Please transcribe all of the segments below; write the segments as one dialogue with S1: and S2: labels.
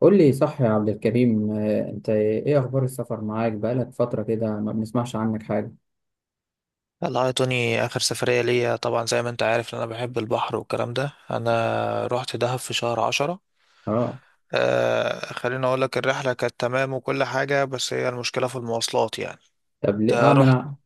S1: قول لي صح يا عبد الكريم، آه، انت ايه اخبار السفر؟ معاك بقالك فترة كده ما بنسمعش عنك حاجة.
S2: والله يا توني، آخر سفرية ليا طبعا زي ما أنت عارف إن أنا بحب البحر والكلام ده. أنا رحت دهب في شهر عشرة.
S1: اه.
S2: آه، خليني أقول لك، الرحلة كانت تمام وكل حاجة، بس هي المشكلة في المواصلات يعني.
S1: طب
S2: أنت
S1: ليه؟ اه ما
S2: رحت
S1: انا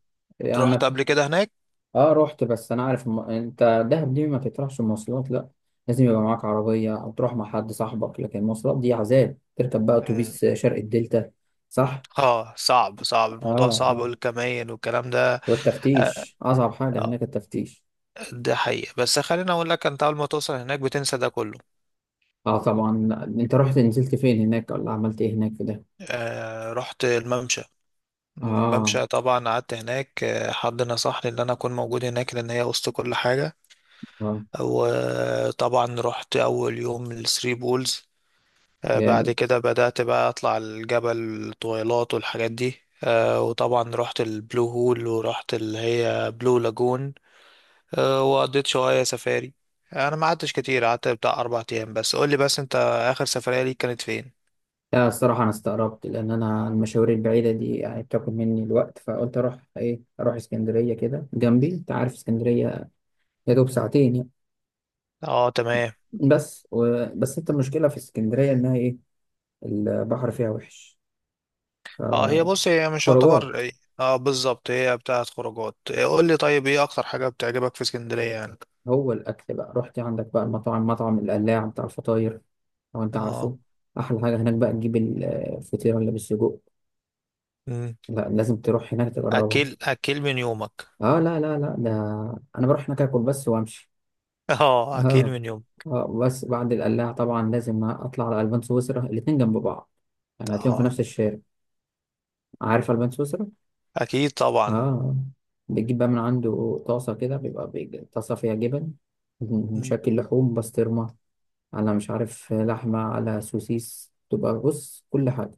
S1: انا
S2: رحت قبل كده هناك؟
S1: اه رحت، بس انا عارف انت دهب دي ما تطرحش المواصلات، لا لازم يبقى معاك عربية او تروح مع حد صاحبك، لكن المواصلات دي عذاب. تركب بقى
S2: مم.
S1: اتوبيس شرق الدلتا. صح.
S2: اه، صعب، صعب الموضوع
S1: اه
S2: صعب،
S1: اه.
S2: والكمين والكلام ده. آه
S1: والتفتيش اصعب حاجة
S2: آه،
S1: هناك التفتيش.
S2: ده حقيقة. بس خليني أقول لك، أنت أول ما توصل هناك بتنسى ده كله.
S1: اه طبعا. انت رحت نزلت فين هناك ولا عملت ايه هناك في ده؟
S2: آه، رحت الممشى
S1: اه.
S2: الممشى طبعا قعدت هناك. حد نصحني ان انا اكون موجود هناك لان هي وسط كل حاجة.
S1: اه.
S2: وطبعا رحت أول يوم الثري بولز. بعد
S1: جامد.
S2: كده بدأت بقى أطلع الجبل طويلات والحاجات دي. وطبعا رحت البلو هول، ورحت اللي هي بلو لاجون. وقضيت شوية سفاري. أنا ما قعدتش كتير، قعدت بتاع أربع أيام بس. قولي بس أنت، آخر سفرية ليك كانت فين؟
S1: لا الصراحة أنا استغربت، لأن أنا المشاوير البعيدة دي يعني بتاكل مني الوقت، فقلت أروح إيه، أروح اسكندرية كده جنبي. أنت عارف اسكندرية، يا دوب
S2: مم.
S1: ساعتين يعني.
S2: اه تمام.
S1: بس أنت المشكلة في اسكندرية إنها إيه، البحر فيها وحش.
S2: اه، هي بص، هي مش
S1: خروجات.
S2: يعتبر. اه بالظبط، هي بتاعت خروجات. قول لي طيب، ايه اكتر حاجة بتعجبك في اسكندرية يعني؟
S1: هو الأكل بقى، رحت عندك بقى المطاعم، مطعم القلاع بتاع الفطاير، لو أنت
S2: اه،
S1: عارفه. أحلى حاجة هناك بقى تجيب الفطيرة اللي بالسجق. لا لازم تروح هناك تجربها.
S2: اكل من يومك.
S1: لا ده أنا بروح هناك آكل بس وأمشي.
S2: اه، اكل
S1: اه.
S2: من يومك.
S1: اه بس بعد القلاع طبعا لازم اطلع على البان سويسرا، الاتنين جنب بعض، يعني هتلاقيهم في
S2: اه
S1: نفس الشارع. عارف البان سويسرا؟
S2: اكيد طبعا.
S1: اه. بتجيب بقى من عنده طاسة كده، طاسة فيها جبن
S2: مم.
S1: مشكل، لحوم، بسطرمة، على مش عارف لحمة، على سوسيس، تبقى بص كل حاجة.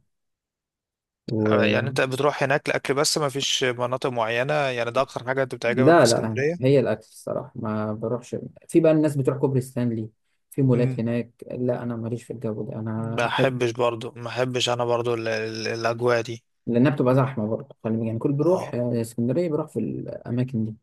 S2: يعني
S1: و...
S2: انت بتروح هناك لاكل بس، ما فيش مناطق معينه؟ يعني ده اكتر حاجه انت بتعجبك في
S1: لا لا،
S2: اسكندريه؟
S1: هي الأكل الصراحة، ما بروحش في بقى. الناس بتروح كوبري ستانلي، في مولات
S2: مم.
S1: هناك، لا أنا ماليش في الجو ده، أنا
S2: ما
S1: أحب
S2: احبش برضو، ما احبش انا برضو الاجواء دي.
S1: لانها بتبقى زحمه برضه. خلي بالك، يعني كل بيروح،
S2: اه.
S1: آه، اسكندريه بيروح في الاماكن دي.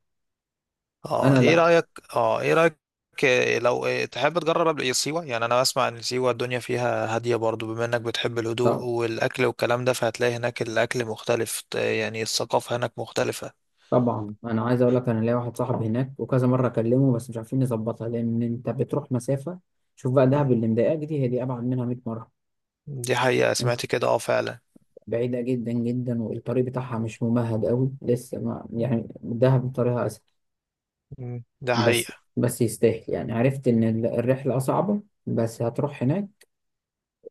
S2: اه
S1: انا
S2: ايه
S1: لا.
S2: رايك؟ اه ايه رايك؟ آه، لو تحب تجرب قبل إيه سيوه؟ يعني انا بسمع ان سيوه الدنيا فيها هاديه برضو، بما انك بتحب الهدوء
S1: طب
S2: والاكل والكلام ده، فهتلاقي هناك الاكل مختلف. يعني الثقافه هناك مختلفه.
S1: طبعا انا عايز اقول لك انا ليا واحد صاحبي هناك وكذا مره اكلمه، بس مش عارفين نظبطها لان انت بتروح مسافه. شوف بقى دهب اللي مضايقاك دي، هي دي ابعد منها 100 مره.
S2: دي حقيقة،
S1: انت
S2: سمعت كده، اه فعلا.
S1: بعيده جدا جدا، والطريق بتاعها مش ممهد قوي لسه، ما يعني دهب طريقها اسهل.
S2: مم. ده حقيقة.
S1: بس يستاهل، يعني عرفت ان الرحله صعبه، بس هتروح هناك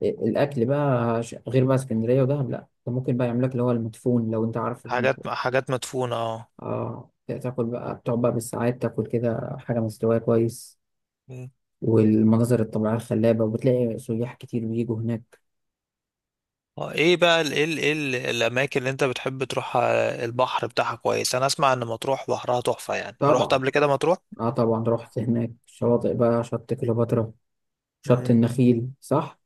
S1: الاكل بقى غير بقى اسكندريه ودهب. لا انت ممكن بقى يعملك اللي هو المدفون، لو انت عارف المدفون.
S2: حاجات مدفونة، اه.
S1: اه تاكل بقى، بتقعد بقى بالساعات تاكل كده حاجه مستويه كويس،
S2: مم.
S1: والمناظر الطبيعيه الخلابه، وبتلاقي سياح كتير بيجوا هناك.
S2: اه، ايه بقى ال إيه ال إيه ال الأماكن اللي أنت بتحب تروحها؟ البحر بتاعها كويس. أنا أسمع إن مطروح بحرها تحفة، يعني رحت
S1: طبعا.
S2: قبل كده مطروح؟
S1: اه طبعا رحت هناك، شواطئ بقى، شط كليوباترا، شط
S2: مم.
S1: النخيل، صح.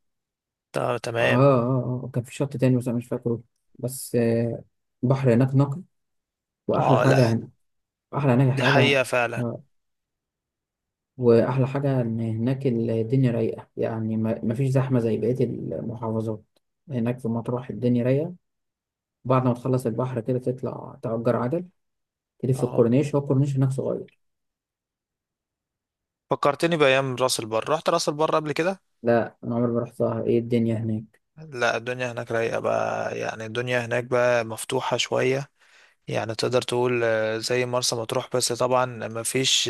S2: طب
S1: اه
S2: تمام.
S1: اه اه، وكان في شط تاني بس انا مش فاكره. بس آه، بحر هناك نقي. واحلى
S2: اه لا،
S1: حاجه هنا، احلى هناك
S2: دي
S1: حاجه.
S2: حقيقة فعلا.
S1: آه، واحلى حاجه ان هناك الدنيا رايقه، يعني ما فيش زحمه زي بقيه المحافظات. هناك في مطروح الدنيا رايقه. بعد ما تخلص البحر كده تطلع تأجر عجل، تلف
S2: اه،
S1: الكورنيش، هو الكورنيش هناك صغير.
S2: فكرتني بأيام راس البر. رحت راس البر قبل كده؟
S1: لا انا عمري ما رحتها، ايه الدنيا هناك؟
S2: لا، الدنيا هناك رايقة بقى، يعني الدنيا هناك بقى مفتوحة شوية. يعني تقدر تقول، زي مرسى مطروح، بس طبعا مفيش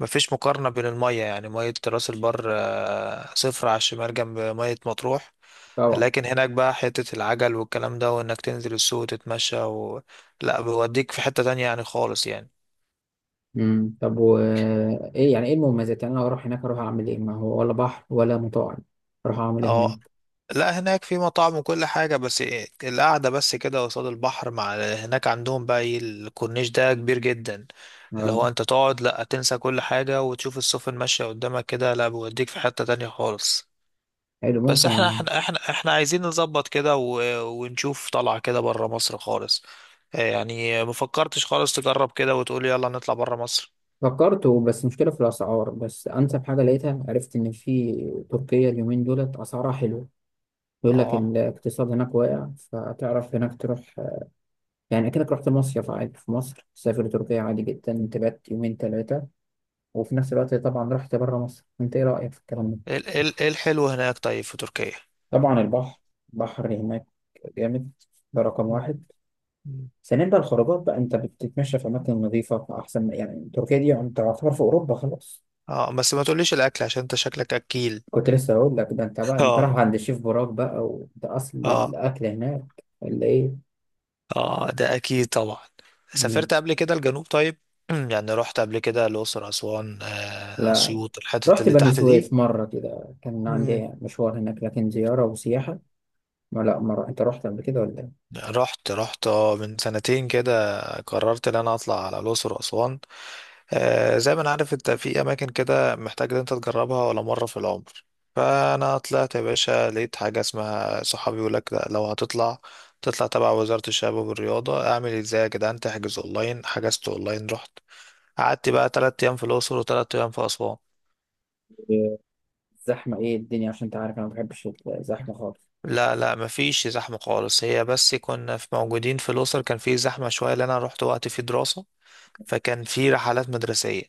S2: مفيش مقارنة بين المية، يعني مية راس البر، صفر على الشمال جنب مية مطروح.
S1: طبعا.
S2: لكن هناك بقى حتة العجل والكلام ده، وإنك تنزل السوق وتتمشى و... لا، بيوديك في حتة تانية يعني، خالص يعني.
S1: امم، طب و... ايه يعني، ايه المميزات؟ يعني انا اروح هناك اروح اعمل ايه؟ ما هو ولا بحر ولا مطاعم، اروح اعمل ايه هناك؟
S2: اه لا، هناك في مطاعم وكل حاجة، بس إيه، القعدة بس كده قصاد البحر. مع هناك عندهم بقى ايه، الكورنيش ده كبير جدا. اللي
S1: اه.
S2: هو انت تقعد، لا تنسى كل حاجة، وتشوف السفن ماشية قدامك كده. لا، بيوديك في حتة تانية خالص.
S1: حلو،
S2: بس احنا احنا احنا احنا عايزين نظبط كده و... ونشوف طلعة كده بره مصر خالص. يعني ما فكرتش خالص تجرب كده وتقول يلا نطلع بره مصر؟
S1: فكرت بس مشكله في الاسعار. بس انسب حاجه لقيتها، عرفت ان في تركيا اليومين دولت اسعارها حلوه، بيقول لك
S2: اه،
S1: الاقتصاد هناك واقع، فتعرف هناك تروح يعني أكنك رحت مصيف عادي في مصر، تسافر تركيا عادي جدا تبات يومين ثلاثة، وفي نفس الوقت طبعا رحت بره مصر. أنت إيه رأيك في الكلام ده؟
S2: إيه الحلو هناك طيب في تركيا؟
S1: طبعا البحر، البحر هناك جامد، ده رقم واحد.
S2: مم.
S1: ثانيا بقى الخروجات بقى، أنت بتتمشى في أماكن نظيفة أحسن، يعني تركيا دي أنت تعتبر في أوروبا خلاص.
S2: اه، بس ما تقوليش الاكل، عشان انت شكلك اكيل.
S1: كنت لسه هقول لك ده، أنت بقى أنت
S2: اه.
S1: رايح عند الشيف براك بقى، وده أصل
S2: اه.
S1: الأكل هناك، ولا إيه؟
S2: اه ده اكيد طبعا.
S1: مم.
S2: سافرت قبل كده الجنوب طيب؟ يعني رحت قبل كده الاقصر، اسوان،
S1: لا،
S2: اسيوط، الحتت
S1: رحت
S2: اللي
S1: بني
S2: تحت
S1: سويف مرة كده كان
S2: دي؟
S1: عندي مشوار هناك، لكن زيارة وسياحة ما... لا، مرة أنت رحت قبل كده ولا
S2: رحت اه، من سنتين كده قررت ان انا اطلع على الاقصر واسوان. زي ما انا عارف، انت في اماكن كده محتاج ان انت تجربها ولا مره في العمر. فانا طلعت يا باشا، لقيت حاجه اسمها صحابي يقول لك، لا، لو هتطلع تطلع تبع وزاره الشباب والرياضه. اعمل ازاي يا جدعان؟ تحجز اونلاين. حجزت اونلاين، رحت. قعدت بقى تلات ايام في الاقصر وتلات ايام في اسوان.
S1: إيه؟ الزحمة إيه الدنيا؟ عشان أنت عارف أنا ما بحبش الزحمة خالص.
S2: لا لا، مفيش زحمة خالص. هي بس كنا في موجودين في الأقصر كان في زحمة شوية، لأن أنا رحت وقت في دراسة، فكان في رحلات مدرسية.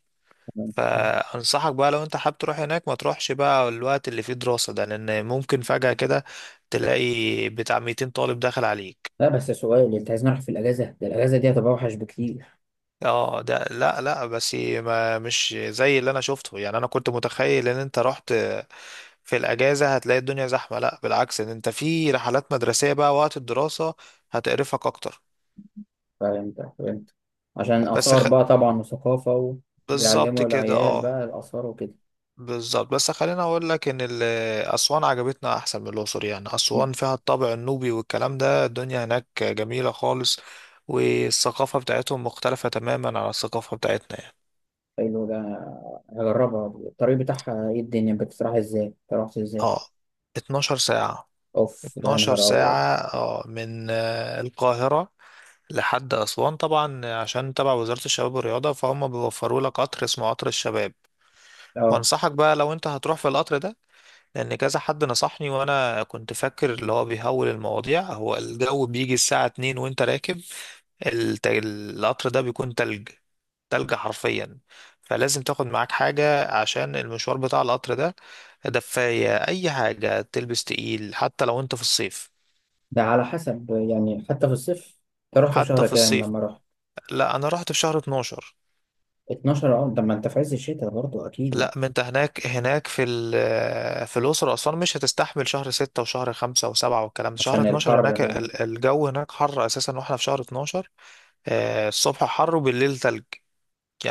S1: تمام.
S2: فأنصحك بقى، لو أنت حابب تروح هناك، ما تروحش بقى الوقت اللي فيه دراسة ده، لأن ممكن فجأة كده تلاقي بتاع 200 طالب داخل عليك.
S1: لا بس سؤال، أنت عايز نروح في الأجازة ده، الأجازة دي هتبقى أوحش بكتير.
S2: اه ده، لا لا، بس ما مش زي اللي انا شفته. يعني انا كنت متخيل ان انت رحت في الاجازه هتلاقي الدنيا زحمه. لا، بالعكس، ان انت في رحلات مدرسيه بقى، وقت الدراسه هتقرفك اكتر.
S1: فهمت عشان
S2: بس
S1: آثار
S2: خ...
S1: بقى طبعا وثقافة،
S2: بالظبط
S1: وبيعلموا
S2: كده،
S1: العيال
S2: اه.
S1: بقى الآثار وكده.
S2: بالظبط. بس خليني اقول لك ان اسوان عجبتنا احسن من الاقصر. يعني
S1: مش م-
S2: اسوان فيها الطابع النوبي والكلام ده. الدنيا هناك جميله خالص. والثقافه بتاعتهم مختلفه تماما عن الثقافه بتاعتنا يعني.
S1: حلو ده. هجربها. الطريق بتاعها إيه؟ الدنيا بتتراح إزاي؟ أنت رحت إزاي؟
S2: اه. 12 ساعه.
S1: أوف ده، يا نهار أبيض.
S2: اه، من القاهره لحد اسوان. طبعا عشان تبع وزاره الشباب والرياضه، فهم بيوفروا لك قطر اسمه قطر الشباب.
S1: اه
S2: وانصحك بقى لو انت هتروح في القطر ده، لان كذا حد نصحني وانا كنت فاكر اللي هو بيهول المواضيع، هو الجو بيجي الساعة 2 وانت راكب القطر ده بيكون تلج. تلج حرفيا. فلازم تاخد معاك حاجة عشان المشوار بتاع القطر ده. دفاية، أي حاجة تلبس تقيل، حتى لو أنت في الصيف.
S1: ده على حسب يعني، حتى في الصيف؟ انت رحت في
S2: حتى
S1: شهر
S2: في
S1: كام
S2: الصيف.
S1: لما رحت؟
S2: لا، أنا رحت في شهر 12.
S1: 12. اه ده ما انت في عز الشتاء برضه اكيد
S2: لا،
S1: يعني.
S2: ما انت هناك، هناك في في الأقصر وأسوان مش هتستحمل شهر ستة وشهر خمسة وسبعة والكلام ده. شهر
S1: عشان
S2: 12
S1: الحر
S2: هناك
S1: بقى؟
S2: الجو هناك حر أساسا، واحنا في شهر 12. الصبح حر وبالليل تلج،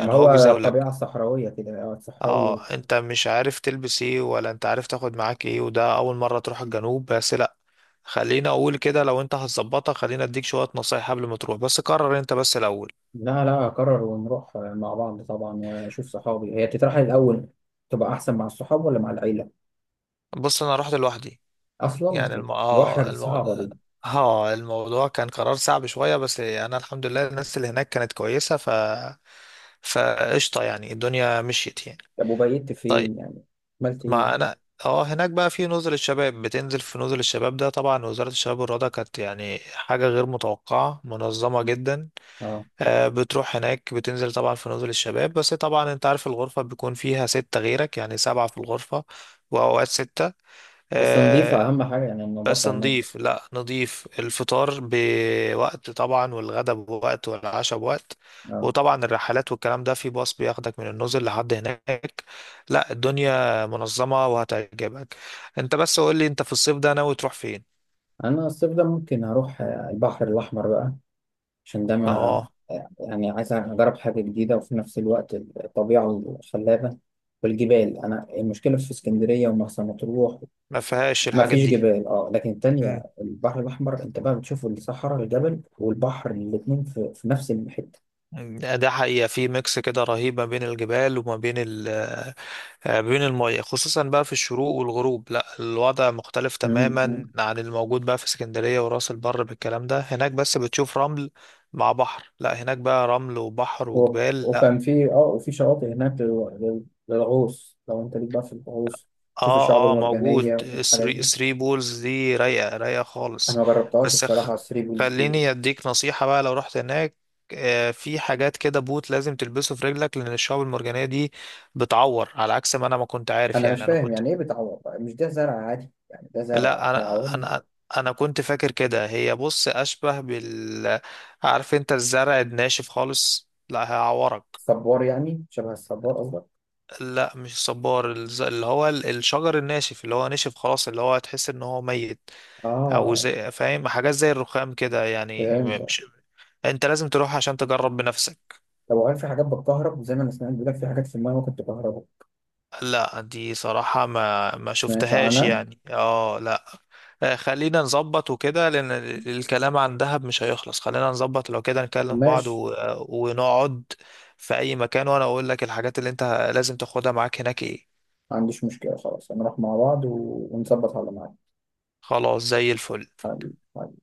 S1: ما هو
S2: هو
S1: الطبيعة
S2: بيزاولك.
S1: الصحراوية كده، او
S2: اه،
S1: الصحراوي.
S2: انت مش عارف تلبس ايه، ولا انت عارف تاخد معاك ايه، وده أول مرة تروح الجنوب بس. لا، خلينا أقول كده، لو انت هتظبطها، خلينا اديك شوية نصايح قبل ما تروح. بس قرر انت بس الأول.
S1: لا لا، اقرر ونروح مع بعض طبعا واشوف صحابي. هي تترحل الاول، تبقى احسن مع الصحاب ولا مع العيلة؟
S2: بص، أنا رحت لوحدي.
S1: اصلا؟
S2: يعني
S1: لوحدك دي صعبة دي.
S2: اه، الموضوع كان قرار صعب شوية، بس انا الحمد لله، الناس اللي هناك كانت كويسة. فقشطة يعني، الدنيا مشيت يعني.
S1: طب وبيت
S2: طيب،
S1: فين يعني؟ عملت ايه؟
S2: ما انا، اه، هناك بقى في نزل الشباب، بتنزل في نزل الشباب ده. طبعا وزارة الشباب والرياضة كانت يعني حاجة غير متوقعة، منظمة جدا.
S1: اه
S2: بتروح هناك، بتنزل طبعا في نزل الشباب، بس طبعا انت عارف الغرفة بيكون فيها ستة غيرك، يعني سبعة في الغرفة. وأوقات ستة.
S1: بس
S2: آه،
S1: نظيفة اهم حاجة، يعني
S2: بس
S1: النظافة هناك.
S2: نضيف. لا نضيف. الفطار بوقت طبعا، والغدا بوقت، والعشاء بوقت.
S1: اه.
S2: وطبعا الرحلات والكلام ده في باص بياخدك من النزل لحد هناك. لا، الدنيا منظمة وهتعجبك. انت بس قول لي، انت في الصيف ده ناوي تروح فين؟
S1: انا الصيف ده ممكن اروح البحر الاحمر بقى، عشان ده ما...
S2: اه،
S1: يعني عايز أجرب حاجة جديدة، وفي نفس الوقت الطبيعة الخلابة والجبال. أنا المشكلة في اسكندرية ومرسى مطروح
S2: ما فيهاش
S1: ما
S2: الحاجات
S1: فيش
S2: دي.
S1: جبال، أه. لكن التانية
S2: مم.
S1: البحر الأحمر أنت بقى بتشوف الصحراء، الجبل والبحر الاتنين في، في نفس الحتة.
S2: ده حقيقة، في ميكس كده رهيب ما بين الجبال وما بين بين المية. خصوصا بقى في الشروق والغروب، لا الوضع مختلف
S1: مم، مم.
S2: تماما عن الموجود بقى في اسكندرية وراس البر بالكلام ده. هناك بس بتشوف رمل مع بحر. لا، هناك بقى رمل وبحر وجبال. لا.
S1: وكان في أه وفي شواطئ هناك للغوص، لو أنت ليك بقى في الغوص، تشوف الشعاب
S2: اه اه، موجود.
S1: المرجانية والحاجات
S2: الثري
S1: دي.
S2: الثري بولز دي رايقة، رايقة
S1: أنا
S2: خالص.
S1: ما جربتهاش
S2: بس
S1: الصراحة،
S2: خ...
S1: على الثري بولز دي.
S2: خليني اديك نصيحة بقى لو رحت هناك. في حاجات كده، بوت لازم تلبسه في رجلك، لان الشعاب المرجانية دي بتعور على عكس ما انا ما كنت عارف.
S1: انا مش
S2: يعني انا
S1: فاهم
S2: كنت،
S1: يعني ايه بتعور بقى؟ مش ده زرع عادي؟ يعني ده زرع
S2: لا انا
S1: هيعور؟
S2: انا انا كنت فاكر كده. هي بص اشبه عارف انت الزرع الناشف خالص؟ لا هيعورك.
S1: صبار، يعني شبه الصبار قصدك؟
S2: لا مش صبار، الشجر الناشف اللي هو نشف خلاص، اللي هو تحس ان هو ميت. او
S1: اه.
S2: زي، فاهم، حاجات زي الرخام كده، يعني
S1: فهمت.
S2: مش، انت لازم تروح عشان تجرب بنفسك.
S1: طب وهل في حاجات بتكهرب؟ زي ما انا سمعت بيقول لك في حاجات في المايه ممكن تكهربه. ما
S2: لا دي صراحة ما
S1: سمعتش
S2: شفتهاش
S1: عنها.
S2: يعني، اه لا. خلينا نظبط وكده، لأن الكلام عن دهب مش هيخلص. خلينا نظبط لو كده، نكلم بعض
S1: ماشي.
S2: و... ونقعد في أي مكان، وأنا أقول لك الحاجات اللي أنت لازم تاخدها معاك هناك إيه.
S1: ما عنديش مشكله، خلاص هنروح مع بعض و... ونظبط على معاك.
S2: خلاص، زي الفل.
S1: حبيبي.